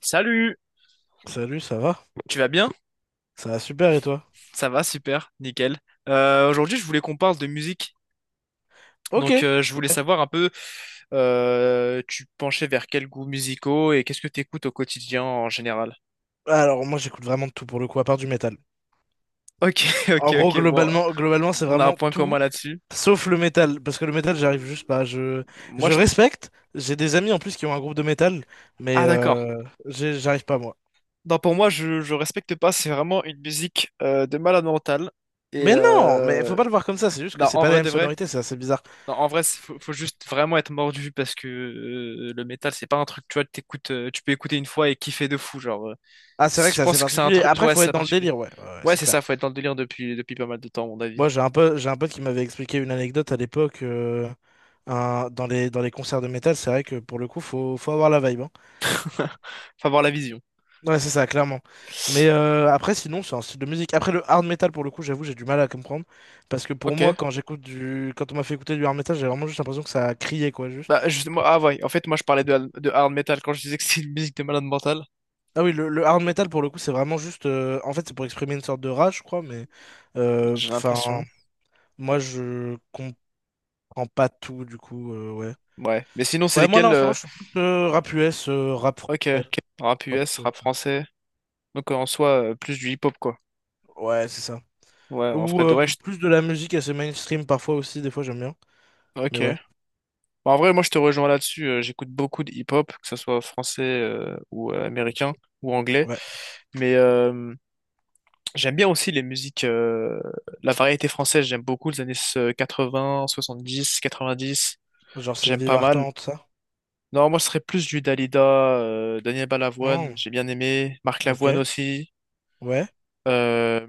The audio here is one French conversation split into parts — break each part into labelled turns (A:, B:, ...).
A: Salut,
B: Salut, ça va?
A: tu vas bien?
B: Ça va super et toi?
A: Ça va, super, nickel. Aujourd'hui, je voulais qu'on parle de musique.
B: Ok.
A: Donc, je voulais savoir un peu, tu penchais vers quels goûts musicaux et qu'est-ce que tu écoutes au quotidien en général?
B: Alors moi j'écoute vraiment de tout pour le coup, à part du métal.
A: Ok, ok,
B: En gros,
A: ok, bon,
B: globalement, c'est
A: on a un
B: vraiment
A: point
B: tout,
A: commun là-dessus.
B: sauf le métal. Parce que le métal, j'arrive juste pas. Je,
A: Moi,
B: je
A: je...
B: respecte. J'ai des amis en plus qui ont un groupe de métal, mais
A: Ah, d'accord.
B: j'arrive pas moi.
A: Non, pour moi, je respecte pas, c'est vraiment une musique de malade mental. Et
B: Mais non, mais faut pas le voir comme ça, c'est juste que
A: non,
B: c'est
A: en
B: pas la
A: vrai
B: même
A: de vrai,
B: sonorité, c'est assez bizarre.
A: non, en vrai, faut, faut juste vraiment être mordu parce que le métal, c'est pas un truc, tu vois, tu peux écouter une fois et kiffer de fou, genre. euh,
B: Ah, c'est vrai
A: c-
B: que
A: Je
B: c'est assez
A: pense que c'est un
B: particulier.
A: truc,
B: Après,
A: ouais,
B: faut
A: c'est
B: être
A: ça
B: dans le
A: particulier.
B: délire, ouais, ouais, ouais,
A: Ouais,
B: c'est
A: c'est ça,
B: clair.
A: faut être dans le délire depuis pas mal de temps, à mon avis.
B: Moi, j'ai un pote qui m'avait expliqué une anecdote à l'époque, dans les concerts de métal, c'est vrai que pour le coup, faut avoir la vibe, hein.
A: Faut avoir la vision.
B: Ouais, c'est ça, clairement. Mais après, sinon, c'est un style de musique. Après, le hard metal, pour le coup, j'avoue, j'ai du mal à comprendre. Parce que pour moi,
A: Ok.
B: quand on m'a fait écouter du hard metal, j'ai vraiment juste l'impression que ça criait, quoi, juste.
A: Bah, justement, ah ouais, en fait, moi, je parlais de, de hard metal quand je disais que c'est une musique de malade mental.
B: Ah oui, le hard metal, pour le coup, c'est vraiment juste. En fait, c'est pour exprimer une sorte de rage, je crois, mais
A: J'ai
B: enfin,
A: l'impression.
B: moi, je comprends pas tout, du coup, ouais.
A: Ouais. Mais sinon, c'est
B: Ouais, moi, là,
A: lesquels,
B: en ce moment, je suis plus rap US, rap français,
A: ok, rap
B: K-pop.
A: US, rap français. Donc, en soi, plus du hip-hop, quoi.
B: Ouais, c'est ça.
A: Ouais, en
B: Ou
A: vrai,
B: plus de la musique assez mainstream, parfois, aussi, des fois, j'aime bien. Mais
A: ok.
B: ouais,
A: Bah, en vrai, moi, je te rejoins là-dessus. J'écoute beaucoup de hip-hop, que ce soit français ou américain ou anglais.
B: ouais.
A: Mais j'aime bien aussi les musiques, la variété française. J'aime beaucoup les années 80, 70, 90.
B: Genre
A: J'aime
B: Sylvie
A: pas mal.
B: Vartan, tout ça?
A: Non, moi, ce serait plus du Dalida, Daniel Balavoine.
B: Hmm,
A: J'ai bien aimé. Marc
B: ok.
A: Lavoine aussi.
B: Ouais.
A: Euh,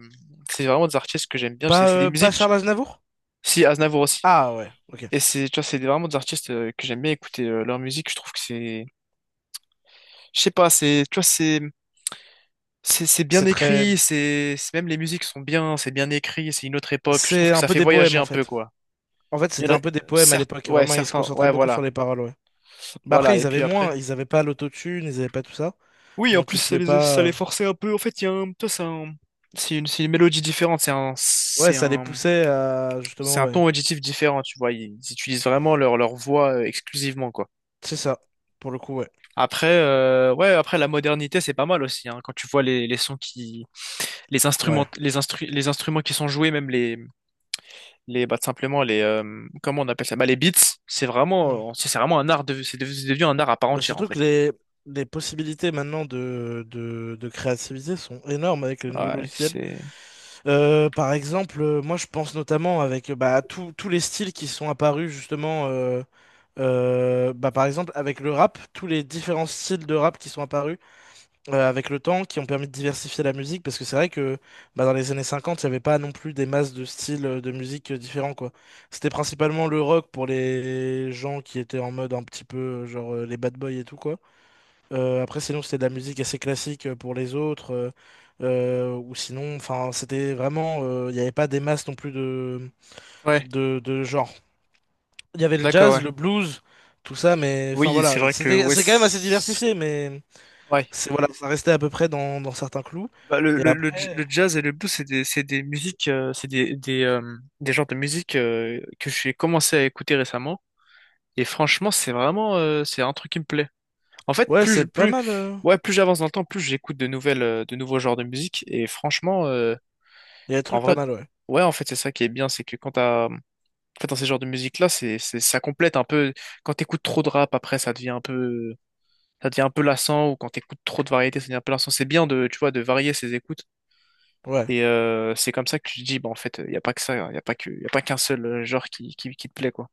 A: c'est vraiment des artistes que j'aime bien. C'est
B: Pas,
A: c'est des
B: euh, pas
A: musiques.
B: Charles Aznavour?
A: Si, Aznavour aussi.
B: Ah ouais, ok.
A: Et c'est, tu vois, c'est vraiment des artistes que j'aime bien écouter leur musique. Je trouve que c'est je sais pas, c'est, tu vois, c'est, C'est bien
B: C'est très...
A: écrit, même les musiques sont bien, c'est bien écrit, c'est une autre époque. Je trouve
B: C'est
A: que
B: un
A: ça
B: peu
A: fait
B: des
A: voyager
B: poèmes, en
A: un peu
B: fait.
A: quoi.
B: En fait,
A: Il y
B: c'était
A: en a
B: un peu des poèmes à
A: certes,
B: l'époque.
A: ouais,
B: Vraiment, ils se
A: certains,
B: concentraient
A: ouais,
B: beaucoup sur
A: voilà,
B: les paroles, ouais. Bah après,
A: voilà. Et
B: ils
A: puis
B: avaient
A: après,
B: moins. Ils avaient pas l'autotune, ils avaient pas tout ça.
A: oui, en
B: Donc,
A: plus
B: ils pouvaient
A: ça
B: pas.
A: les forçait un peu. En fait, il y a un, tu c'est un- c'est une mélodie différente,
B: Ouais, ça les poussait à.
A: c'est
B: Justement,
A: un
B: ouais.
A: ton auditif différent, tu vois. Ils utilisent vraiment leur voix exclusivement quoi.
B: C'est ça. Pour le coup, ouais.
A: Après, ouais, après la modernité c'est pas mal aussi. Hein. Quand tu vois les sons qui
B: Ouais.
A: les instruments qui sont joués, même les bah, tout simplement les comment on appelle ça? Bah, les beats,
B: Hmm.
A: c'est vraiment un art de c'est devenu un art à part
B: Bah,
A: entière en fait.
B: les possibilités maintenant de créativité sont énormes avec les nouveaux
A: Ouais,
B: logiciels.
A: c'est
B: Par exemple, moi je pense notamment avec bah, tous les styles qui sont apparus justement, bah, par exemple avec le rap, tous les différents styles de rap qui sont apparus avec le temps, qui ont permis de diversifier la musique, parce que c'est vrai que bah, dans les années 50, il n'y avait pas non plus des masses de styles de musique différents, quoi. C'était principalement le rock pour les gens qui étaient en mode un petit peu genre les bad boys et tout, quoi. Après, sinon, c'était de la musique assez classique pour les autres. Ou sinon, enfin, c'était vraiment. Il n'y avait pas des masses non plus de,
A: ouais,
B: de, de genre. Il y avait le
A: d'accord,
B: jazz,
A: ouais.
B: le blues, tout ça, mais enfin
A: Oui, c'est
B: voilà.
A: vrai que
B: C'était,
A: ouais,
B: c'est quand même assez diversifié, mais
A: ouais.
B: c'est, voilà, ça restait à peu près dans certains clous.
A: Bah,
B: Et après,
A: le jazz et le blues, c'est des musiques, des genres de musique que j'ai commencé à écouter récemment. Et franchement, c'est vraiment, c'est un truc qui me plaît. En fait,
B: ouais, c'est pas
A: plus,
B: mal.
A: ouais, plus j'avance dans le temps, plus j'écoute de nouvelles, de nouveaux genres de musique. Et franchement,
B: Il y a des
A: en
B: trucs pas
A: vrai,
B: mal, ouais.
A: ouais, en fait, c'est ça qui est bien, c'est que quand t'as, en fait, dans ces genres de musique-là, ça complète un peu. Quand t'écoutes trop de rap, après, ça devient un peu lassant, ou quand t'écoutes trop de variété, ça devient un peu lassant. C'est bien de, tu vois, de varier ses écoutes.
B: Ouais,
A: Et c'est comme ça que tu te dis, bah, en fait, il y a pas que ça, il y a pas que, y a pas qu'un seul genre qui te plaît, quoi.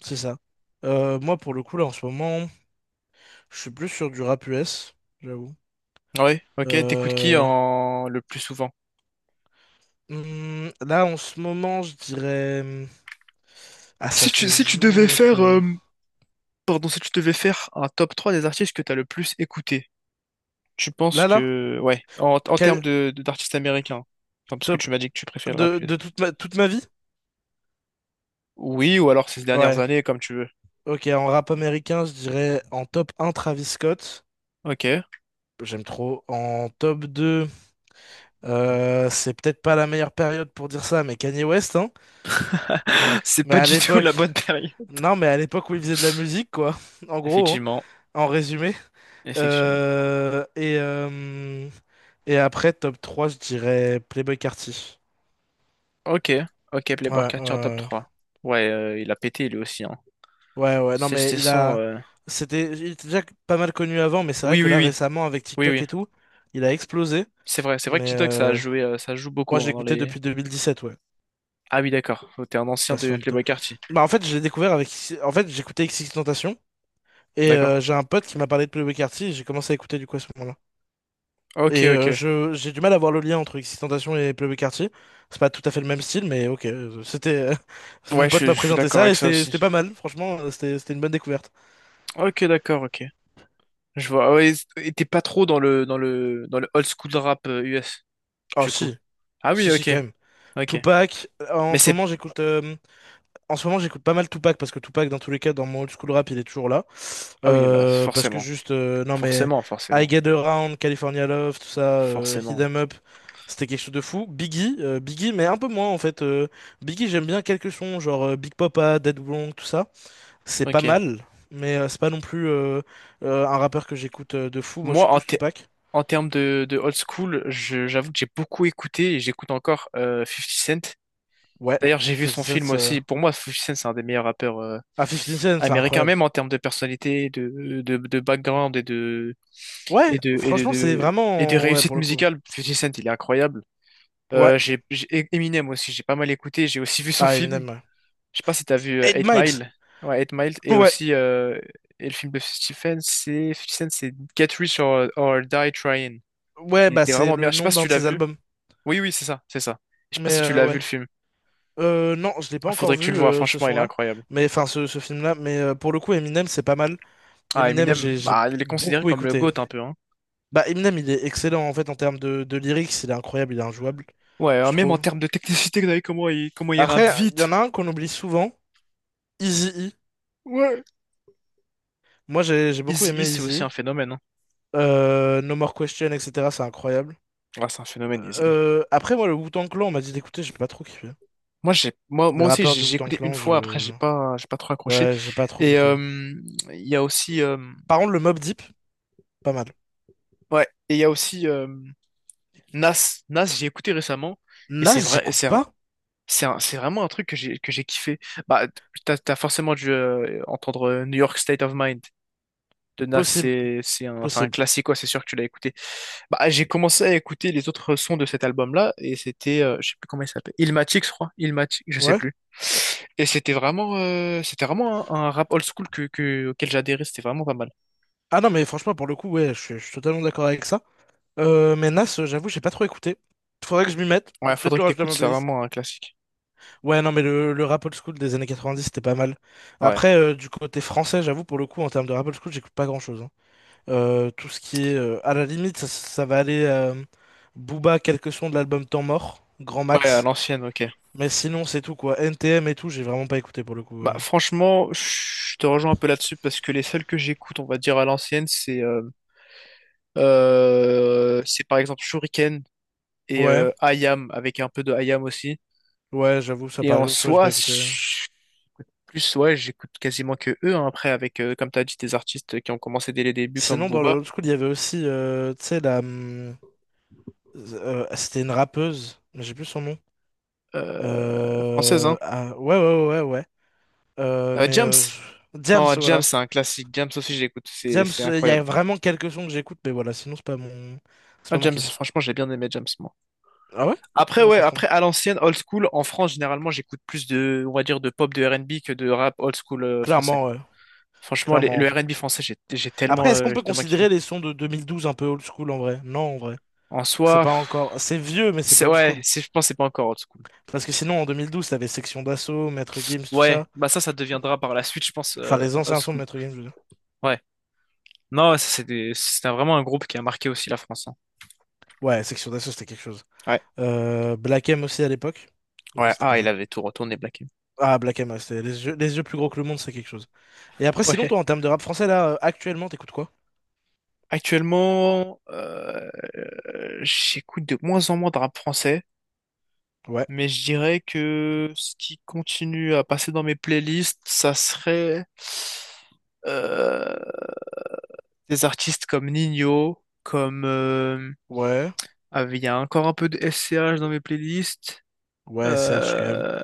B: c'est ça. Moi, pour le coup, là, en ce moment, je suis plus sur du rap US, j'avoue.
A: Ouais, ok. T'écoutes qui
B: Euh,
A: en le plus souvent?
B: Là, en ce moment, je dirais. Ah, ça se
A: Si tu devais
B: joue
A: faire,
B: entre.
A: si tu devais faire un top 3 des artistes que t'as le plus écouté, tu penses
B: Là, là?
A: que, ouais, en termes
B: Quel-
A: de, d'artistes américains, enfin, parce que
B: Top.
A: tu m'as dit que tu préfères le
B: De,
A: rap
B: de
A: US.
B: toute ma... toute ma vie?
A: Oui, ou alors ces dernières
B: Ouais.
A: années, comme tu veux.
B: Ok, en rap américain, je dirais en top un Travis Scott.
A: Ok.
B: J'aime trop. En top 2, c'est peut-être pas la meilleure période pour dire ça, mais Kanye West, hein.
A: C'est
B: Mais
A: pas
B: à
A: du tout
B: l'époque,
A: la bonne période.
B: non, mais à l'époque où il faisait de la musique, quoi. En gros, hein,
A: Effectivement,
B: en résumé.
A: effectivement.
B: Euh, et, euh, et après, top 3, je dirais Playboi Carti.
A: Ok, ok,
B: Ouais,
A: Playboi
B: ouais,
A: Carti en top
B: ouais.
A: trois. Ouais, il a pété lui aussi, hein.
B: Ouais, ouais, non,
A: C'est
B: mais
A: c'est
B: il
A: son...
B: a. Il était déjà pas mal connu avant, mais c'est vrai
A: oui,
B: que
A: oui,
B: là,
A: oui,
B: récemment, avec
A: oui,
B: TikTok
A: oui.
B: et tout, il a explosé.
A: C'est vrai que
B: Mais
A: TikTok, ça a joué, ça joue
B: moi,
A: beaucoup
B: je
A: hein, dans
B: l'écoutais
A: les...
B: depuis 2017, ouais.
A: Ah oui, d'accord. Oh, t'es un ancien
B: Ouais, ça fait
A: de
B: un peu
A: Playboi
B: tôt.
A: Carti.
B: Bah, en fait, je l'ai découvert avec. En fait, j'écoutais XXXTentacion, et
A: D'accord.
B: j'ai un pote qui m'a parlé de Playboi Carti, et j'ai commencé à écouter du coup à ce moment-là.
A: Ok,
B: Et
A: ok.
B: j'ai du mal à voir le lien entre XXXTentacion et Playboi Carti. C'est pas tout à fait le même style, mais ok. C'était. Mon
A: Ouais,
B: pote
A: je
B: m'a
A: suis
B: présenté
A: d'accord
B: ça,
A: avec
B: et
A: ça
B: c'était
A: aussi.
B: c'était pas mal, franchement, c'était une bonne découverte.
A: Ok, d'accord, ok. Je vois. Ouais, et t'es pas trop dans le old school rap US,
B: Oh,
A: du coup.
B: si,
A: Ah
B: si,
A: oui,
B: si,
A: ok,
B: quand même.
A: ok.
B: Tupac,
A: Mais c'est
B: en ce moment j'écoute pas mal Tupac parce que Tupac dans tous les cas dans mon old school rap il est toujours là.
A: ah oui, bah
B: Parce que
A: forcément,
B: juste, non mais
A: forcément,
B: I
A: forcément,
B: Get Around, California Love, tout ça, Hit
A: forcément.
B: 'Em Up, c'était quelque chose de fou. Biggie mais un peu moins en fait. Biggie j'aime bien quelques sons, genre Big Papa, Dead Blonde, tout ça, c'est pas
A: Ok.
B: mal mais c'est pas non plus un rappeur que j'écoute de fou. Moi je suis
A: Moi,
B: plus Tupac.
A: en termes de old school, j'avoue que j'ai beaucoup écouté et j'écoute encore 50 Cent.
B: Ouais,
A: D'ailleurs, j'ai vu son
B: 50
A: film
B: Cent,
A: aussi. Pour moi, Fifty Cent, c'est un des meilleurs rappeurs
B: ah, 50 Cent c'est
A: américains,
B: incroyable.
A: même en termes de personnalité, de background
B: Ouais,
A: et de et de,
B: franchement c'est
A: de- et de
B: vraiment, ouais,
A: réussite
B: pour le coup.
A: musicale. Fifty Cent, il est incroyable.
B: Ouais.
A: Eminem aussi, j'ai pas mal écouté, j'ai aussi vu son
B: Ah,
A: film.
B: Eminem, ouais.
A: Je sais pas si t'as vu
B: 8
A: 8
B: Miles.
A: Mile. Ouais, Eight Mile et
B: Ouais.
A: aussi et le film de 50 Cent, c'est 50 Cent, c'est Get Rich or Die Trying.
B: Ouais,
A: Il
B: bah
A: était
B: c'est
A: vraiment bien.
B: le
A: Je sais pas
B: nom
A: si
B: d'un
A: tu
B: de
A: l'as
B: ses
A: vu.
B: albums.
A: Oui, oui, c'est ça, c'est ça. Je sais pas
B: Mais
A: si tu l'as vu
B: ouais.
A: le film.
B: Non, je l'ai pas
A: Ah,
B: encore
A: faudrait que tu le
B: vu,
A: vois,
B: ce
A: franchement, il est
B: son-là.
A: incroyable.
B: Mais enfin, ce film-là. Mais pour le coup, Eminem, c'est pas mal.
A: Ah,
B: Eminem,
A: Eminem,
B: j'ai
A: bah, il est considéré
B: beaucoup
A: comme le
B: écouté.
A: GOAT un peu, hein.
B: Bah, Eminem, il est excellent en fait en termes de lyrics. Il est incroyable, il est injouable,
A: Ouais,
B: je
A: même en
B: trouve.
A: termes de technicité, vous avez comment comment il rappe
B: Après, il y en
A: vite.
B: a un qu'on oublie souvent, Eazy-E.
A: Ouais.
B: Moi, j'ai beaucoup
A: Easy E,
B: aimé
A: c'est aussi
B: Eazy-E.
A: un phénomène, hein.
B: No More Question, etc. C'est incroyable.
A: Ah, c'est un phénomène, Easy. E.
B: Après, moi, le Wu-Tang Clan, on m'a dit d'écouter, j'ai pas trop kiffé.
A: Moi, j'ai,
B: Des
A: moi aussi,
B: rappeurs du
A: j'ai
B: Wu-Tang
A: écouté une
B: Clan,
A: fois. Après,
B: je...
A: j'ai pas trop accroché.
B: Ouais, j'ai pas trop
A: Et
B: compris.
A: il y a aussi,
B: Par contre, le Mob Deep, pas mal.
A: ouais, et il y a aussi Nas. Nas, j'ai écouté récemment. Et
B: Nas,
A: c'est vrai,
B: j'écoute pas?
A: c'est vraiment un truc que que j'ai kiffé. Bah, t'as forcément dû entendre New York State of Mind de Nas.
B: Possible,
A: C'est un
B: possible.
A: classique, quoi. C'est sûr que tu l'as écouté. Bah, j'ai commencé à écouter les autres sons de cet album-là, et c'était, je sais plus comment il s'appelle, Illmatic, je crois, Illmatic, je sais
B: Ouais.
A: plus. Et c'était vraiment un rap old school auquel j'adhérais, c'était vraiment pas mal.
B: Ah non, mais franchement, pour le coup, ouais, je suis totalement d'accord avec ça. Mais Nas, j'avoue, j'ai pas trop écouté. Faudrait que je m'y mette.
A: Ouais,
B: Je vais peut-être
A: faudrait que
B: le rajouter à
A: t'écoutes,
B: ma
A: c'est
B: playlist.
A: vraiment un classique.
B: Ouais, non, mais le rap old school des années 90, c'était pas mal.
A: Ouais.
B: Après, du côté français, j'avoue, pour le coup, en termes de rap old school, j'écoute pas grand-chose, hein. Tout ce qui est. À la limite, ça va aller. Booba, quelques sons de l'album Temps Mort, Grand
A: Ouais, à
B: Max.
A: l'ancienne, ok.
B: Mais sinon, c'est tout quoi. NTM et tout, j'ai vraiment pas écouté pour le coup.
A: Bah, franchement, je te rejoins un peu là-dessus parce que les seuls que j'écoute, on va dire à l'ancienne, c'est par exemple Shuriken et
B: Ouais,
A: I Am avec un peu de I Am aussi.
B: ouais, j'avoue, ça
A: Et
B: par
A: en
B: exemple, tu vois, j'ai
A: soi,
B: pas écouté.
A: j'écoute plus, ouais, j'écoute quasiment que eux. Hein. Après, avec, comme t'as dit, des artistes qui ont commencé dès les débuts, comme
B: Sinon, dans le
A: Booba,
B: old school, il y avait aussi, tu sais, la. C'était une rappeuse, mais j'ai plus son nom.
A: euh, française, hein.
B: Ah, ouais, ouais, ouais, ouais, ouais. Euh, mais.
A: James.
B: euh, je- Diams,
A: Non, James,
B: voilà.
A: c'est un classique. James aussi, j'écoute.
B: Diams,
A: C'est
B: il y
A: incroyable.
B: a vraiment quelques sons que j'écoute, mais voilà, sinon, c'est pas mon. C'est
A: Ah,
B: pas mon
A: James,
B: kiff.
A: franchement, j'ai bien aimé James, moi.
B: Ah ouais?
A: Après,
B: Moi,
A: ouais,
B: franchement.
A: après, à l'ancienne, old school, en France, généralement, j'écoute plus de, on va dire, de pop, de R&B que de rap old school français.
B: Clairement, ouais.
A: Franchement, le
B: Clairement.
A: R&B français, j'ai tellement,
B: Après, est-ce qu'on
A: j'ai
B: peut
A: tellement kiffé.
B: considérer les sons de 2012 un peu old school en vrai? Non, en vrai.
A: En
B: C'est
A: soi,
B: pas
A: pff,
B: encore. C'est vieux, mais c'est pas old
A: ouais,
B: school.
A: c'est, je pense, que c'est pas encore old school.
B: Parce que sinon, en 2012, t'avais Section d'Assaut, Maître Gims, tout
A: Ouais,
B: ça.
A: bah ça, ça deviendra par la suite, je pense,
B: Enfin, les
A: old
B: anciens sons de
A: school.
B: Maître Gims, je veux dire.
A: Ouais. Non, ouais, ça, c'était vraiment un groupe qui a marqué aussi la France. Hein.
B: Ouais, Section d'Assaut, c'était quelque chose.
A: Ouais,
B: Black M aussi à l'époque. Bon,
A: ouais,
B: c'était
A: ah,
B: pas
A: il
B: mal.
A: avait tout retourné, Black M.
B: Ah, Black M, ouais, c'était les yeux plus gros que le monde, c'est quelque chose. Et après, sinon,
A: Ouais.
B: toi, en termes de rap français, là, actuellement, t'écoutes quoi?
A: Actuellement, j'écoute de moins en moins de rap français,
B: Ouais.
A: mais je dirais que ce qui continue à passer dans mes playlists, ça serait euh, des artistes comme Nino, comme
B: Ouais.
A: ah, il y a encore un peu de SCH dans mes playlists.
B: Ouais, CH quand même.
A: Euh,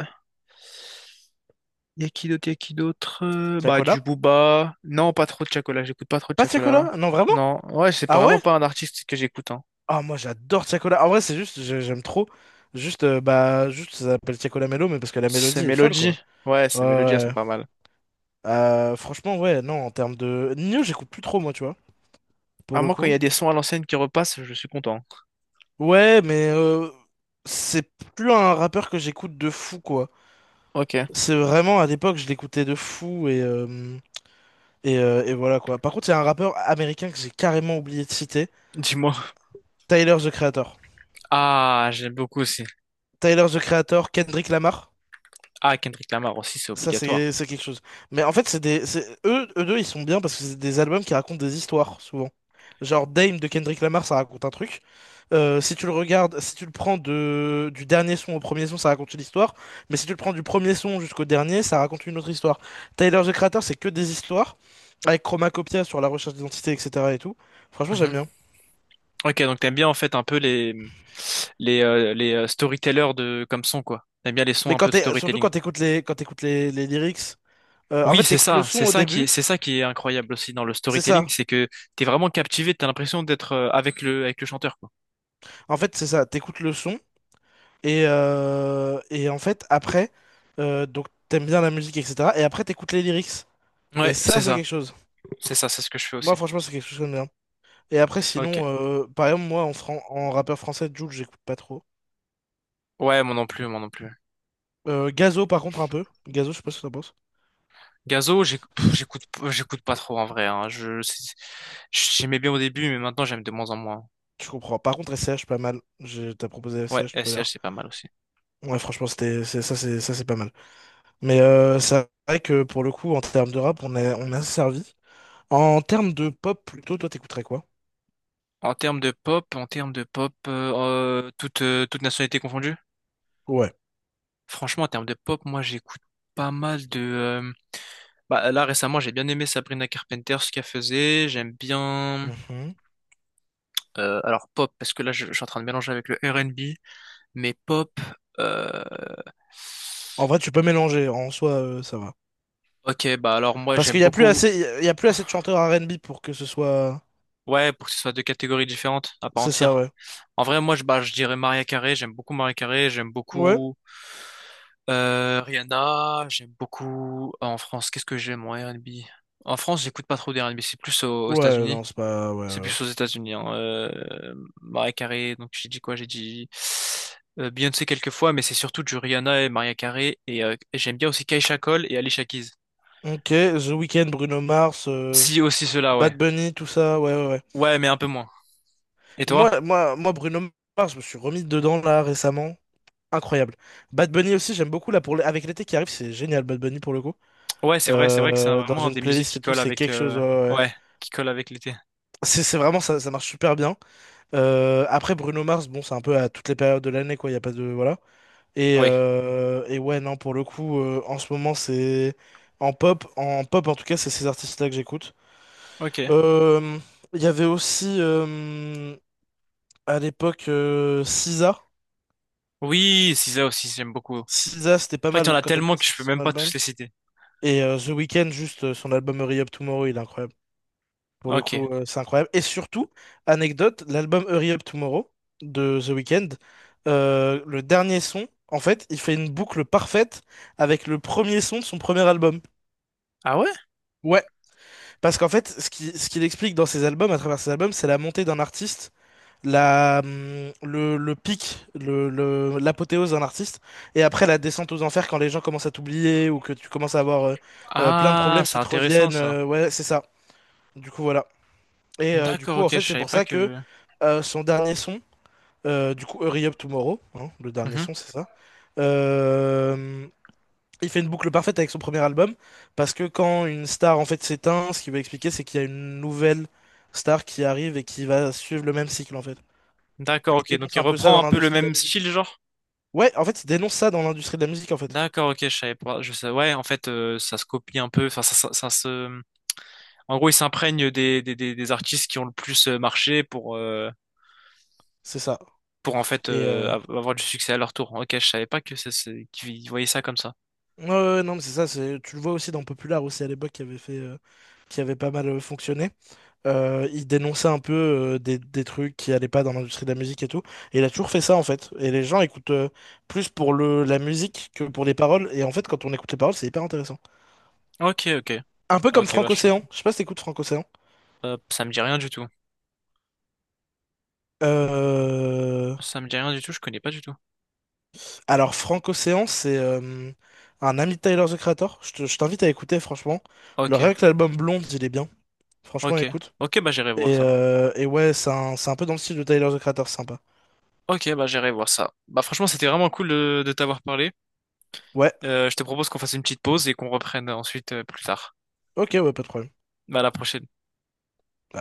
A: Y a qui d'autre? Bah,
B: Tiakola?
A: du Booba. Non, pas trop de Chacola, j'écoute pas trop de
B: Pas
A: Chacola.
B: Tiakola? Non, vraiment?
A: Non, ouais, c'est pas-
B: Ah ouais?
A: vraiment pas un artiste que j'écoute, hein.
B: Ah, moi, j'adore Tiakola. En vrai, c'est juste, j'aime trop. Juste, bah, juste, ça s'appelle Tiakola Mello, mais parce que la
A: C'est
B: mélodie est folle, quoi.
A: Mélodie. Ouais,
B: Ouais,
A: ces mélodies, elles
B: ouais,
A: sont
B: ouais.
A: pas mal.
B: Franchement, ouais, non, en termes de. Nino, j'écoute plus trop, moi, tu vois, pour
A: À
B: le
A: moi, quand
B: coup.
A: il y a des sons à l'ancienne qui repassent, je suis content.
B: Ouais, mais c'est plus un rappeur que j'écoute de fou, quoi.
A: Ok,
B: C'est vraiment, à l'époque, je l'écoutais de fou, et voilà, quoi. Par contre, il y a un rappeur américain que j'ai carrément oublié de citer,
A: dis-moi.
B: Tyler, The Creator.
A: Ah, j'aime beaucoup aussi.
B: Tyler, The Creator, Kendrick Lamar.
A: Ah, Kendrick Lamar aussi, c'est
B: Ça,
A: obligatoire.
B: c'est quelque chose. Mais en fait, c'est, eux, eux deux, ils sont bien parce que c'est des albums qui racontent des histoires, souvent. Genre Dame de Kendrick Lamar, ça raconte un truc. Si tu le regardes, si tu le prends du dernier son au premier son, ça raconte une histoire. Mais si tu le prends du premier son jusqu'au dernier, ça raconte une autre histoire. Tyler, The Creator, c'est que des histoires. Avec Chromacopia sur la recherche d'identité, etc. et tout. Franchement,
A: Mhm.
B: j'aime bien.
A: Ok, donc t'aimes bien en fait un peu les storytellers de comme son quoi. T'aimes bien les sons
B: Mais
A: un
B: quand
A: peu de
B: t'es, surtout
A: storytelling.
B: quand t'écoutes les, quand t'écoutes les lyrics, en
A: Oui,
B: fait, t'écoutes le son au début,
A: c'est ça qui est incroyable aussi dans le
B: c'est
A: storytelling,
B: ça.
A: c'est que t'es vraiment captivé, t'as l'impression d'être avec le chanteur quoi.
B: En fait, c'est ça. T'écoutes le son. Et en fait, après, donc t'aimes bien la musique, etc. Et après, t'écoutes les lyrics. Et
A: Ouais,
B: ça,
A: c'est
B: c'est
A: ça,
B: quelque chose.
A: c'est ça, c'est ce que je fais
B: Moi,
A: aussi.
B: franchement, c'est quelque chose que j'aime bien. Et après,
A: Ok.
B: sinon, par exemple, moi, en rappeur français, Jul, j'écoute pas trop.
A: Ouais, moi non plus, moi non plus.
B: Gazo, par contre, un peu. Gazo, je sais pas ce que t'en penses.
A: Gazo, j'écoute pas trop en vrai. Hein. J'aimais bien au début, mais maintenant j'aime de moins en moins.
B: Je comprends. Par contre, S C H pas mal. T'as proposé S
A: Ouais,
B: C H tout
A: S
B: à
A: C H
B: l'heure.
A: c'est pas mal aussi.
B: Ouais, franchement, c'était, c'est- ça, c'est, ça, c'est pas mal. Mais c'est vrai que pour le coup, en termes de rap, on a servi. En termes de pop, plutôt, toi, t'écouterais quoi?
A: En termes de pop, en termes de pop, toute nationalité confondue.
B: Ouais.
A: Franchement, en termes de pop, moi j'écoute pas mal de. Bah là récemment, j'ai bien aimé Sabrina Carpenter ce qu'elle faisait. J'aime bien. Alors pop, parce que là je suis en train de mélanger avec le R and B. Mais pop. euh,
B: En vrai, tu peux mélanger. En soi, ça va.
A: Ok, bah alors moi
B: Parce
A: j'aime
B: qu'il y a plus
A: beaucoup.
B: assez, il y a plus assez de chanteurs R&B pour que ce soit.
A: Ouais, pour que ce soit deux catégories différentes, à part
B: C'est ça,
A: entière.
B: ouais.
A: En vrai, bah, je dirais Maria Carré. J'aime beaucoup Maria Carré. J'aime
B: Ouais.
A: beaucoup Rihanna. J'aime beaucoup... en France, qu'est-ce que j'aime en R&B? En France, j'écoute pas trop d'R&B. C'est plus aux, aux
B: Ouais,
A: États-Unis.
B: non, c'est pas. Ouais,
A: C'est
B: ouais,
A: plus aux États-Unis. Hein. Mariah Carey, donc j'ai dit quoi? J'ai dit Beyoncé quelques fois, mais c'est surtout du Rihanna et Maria Carey. Et j'aime bien aussi Keisha Cole et Alicia Keys.
B: ouais. Ok, The Weeknd, Bruno Mars,
A: Si, aussi cela, ouais.
B: Bad Bunny, tout ça. Ouais, ouais, ouais.
A: Ouais, mais un peu moins. Et toi?
B: Moi, Bruno Mars, je me suis remis dedans là récemment. Incroyable. Bad Bunny aussi, j'aime beaucoup là avec l'été qui arrive, c'est génial Bad Bunny pour le coup.
A: Ouais, c'est vrai que
B: Dans
A: vraiment un
B: une
A: des musiques
B: playlist
A: qui
B: et tout,
A: colle
B: c'est
A: avec,
B: quelque chose. Ouais, ouais, ouais.
A: ouais, qui colle avec l'été.
B: C'est vraiment ça, ça marche super bien. Après Bruno Mars, bon, c'est un peu à toutes les périodes de l'année quoi. Il y a pas de voilà.
A: Oui.
B: Et ouais, non, pour le coup, en ce moment, en pop en tout cas, c'est ces artistes-là que j'écoute.
A: Ok.
B: Euh, Il y avait aussi à l'époque SZA.
A: Oui, c'est ça aussi, j'aime beaucoup. En
B: SZA, c'était pas
A: fait, il y en
B: mal
A: a
B: quand elle
A: tellement
B: avait
A: que je
B: sorti
A: peux
B: son
A: même pas
B: album.
A: tous les citer.
B: Et The Weeknd, juste son album Hurry Up Tomorrow, il est incroyable. Pour le
A: Ok.
B: coup, c'est incroyable. Et surtout, anecdote, l'album Hurry Up Tomorrow de The Weeknd, le dernier son, en fait, il fait une boucle parfaite avec le premier son de son premier album.
A: Ah ouais?
B: Ouais. Parce qu'en fait, ce qu'il explique dans ses albums, à travers ses albums, c'est la montée d'un artiste, le pic, l'apothéose d'un artiste, et après la descente aux enfers quand les gens commencent à t'oublier ou que tu commences à avoir plein de
A: Ah,
B: problèmes
A: c'est
B: qui te
A: intéressant
B: reviennent.
A: ça.
B: Ouais, c'est ça. Du coup, voilà. Et du
A: D'accord,
B: coup,
A: ok,
B: en
A: je
B: fait, c'est
A: savais
B: pour
A: pas
B: ça que
A: que.
B: son dernier son, du coup, Hurry Up Tomorrow, hein, le dernier
A: Mhm.
B: son, c'est ça. Euh, il fait une boucle parfaite avec son premier album, parce que quand une star en fait s'éteint, ce qu'il va expliquer, c'est qu'il y a une nouvelle star qui arrive et qui va suivre le même cycle en fait. Et
A: D'accord,
B: il
A: ok. Donc
B: dénonce
A: il
B: un peu ça
A: reprend
B: dans
A: un peu le
B: l'industrie de la
A: même
B: musique.
A: style, genre.
B: Ouais, en fait, il dénonce ça dans l'industrie de la musique en fait.
A: D'accord, ok, je savais pas. Je sais. Ouais, en fait, ça se copie un peu. Enfin, ça se. En gros, ils s'imprègnent des artistes qui ont le plus marché
B: C'est ça.
A: pour en fait
B: Et
A: avoir du succès à leur tour. Ok, je savais pas que ça, qu'ils voyaient ça comme ça.
B: ouais, ouais, ouais, non, mais c'est ça. C'est tu le vois aussi dans Popular aussi à l'époque qui avait fait, qui avait pas mal fonctionné. Il dénonçait un peu des trucs qui allaient pas dans l'industrie de la musique et tout. Et il a toujours fait ça en fait. Et les gens écoutent plus pour la musique que pour les paroles. Et en fait, quand on écoute les paroles, c'est hyper intéressant.
A: Ok, ok.
B: Un peu comme
A: Ok, bah
B: Franck
A: je sais pas.
B: Océan. Je sais pas si t'écoutes Franck Océan.
A: Ça me dit rien du tout.
B: Euh,
A: Ça me dit rien du tout, je connais pas du tout.
B: Alors, Franck Océan, c'est un ami de Tyler the Creator. Je t'invite à écouter, franchement. Le
A: Ok,
B: rien que l'album Blonde, il est bien. Franchement,
A: ok.
B: écoute.
A: Ok, bah j'irai voir ça.
B: Et ouais, c'est un peu dans le style de Tyler the Creator, sympa.
A: Ok, bah j'irai voir ça. Bah franchement, c'était vraiment cool de t'avoir parlé.
B: Ouais,
A: Je te propose qu'on fasse une petite pause et qu'on reprenne ensuite plus tard.
B: ok, ouais, pas de problème.
A: Bah à la prochaine.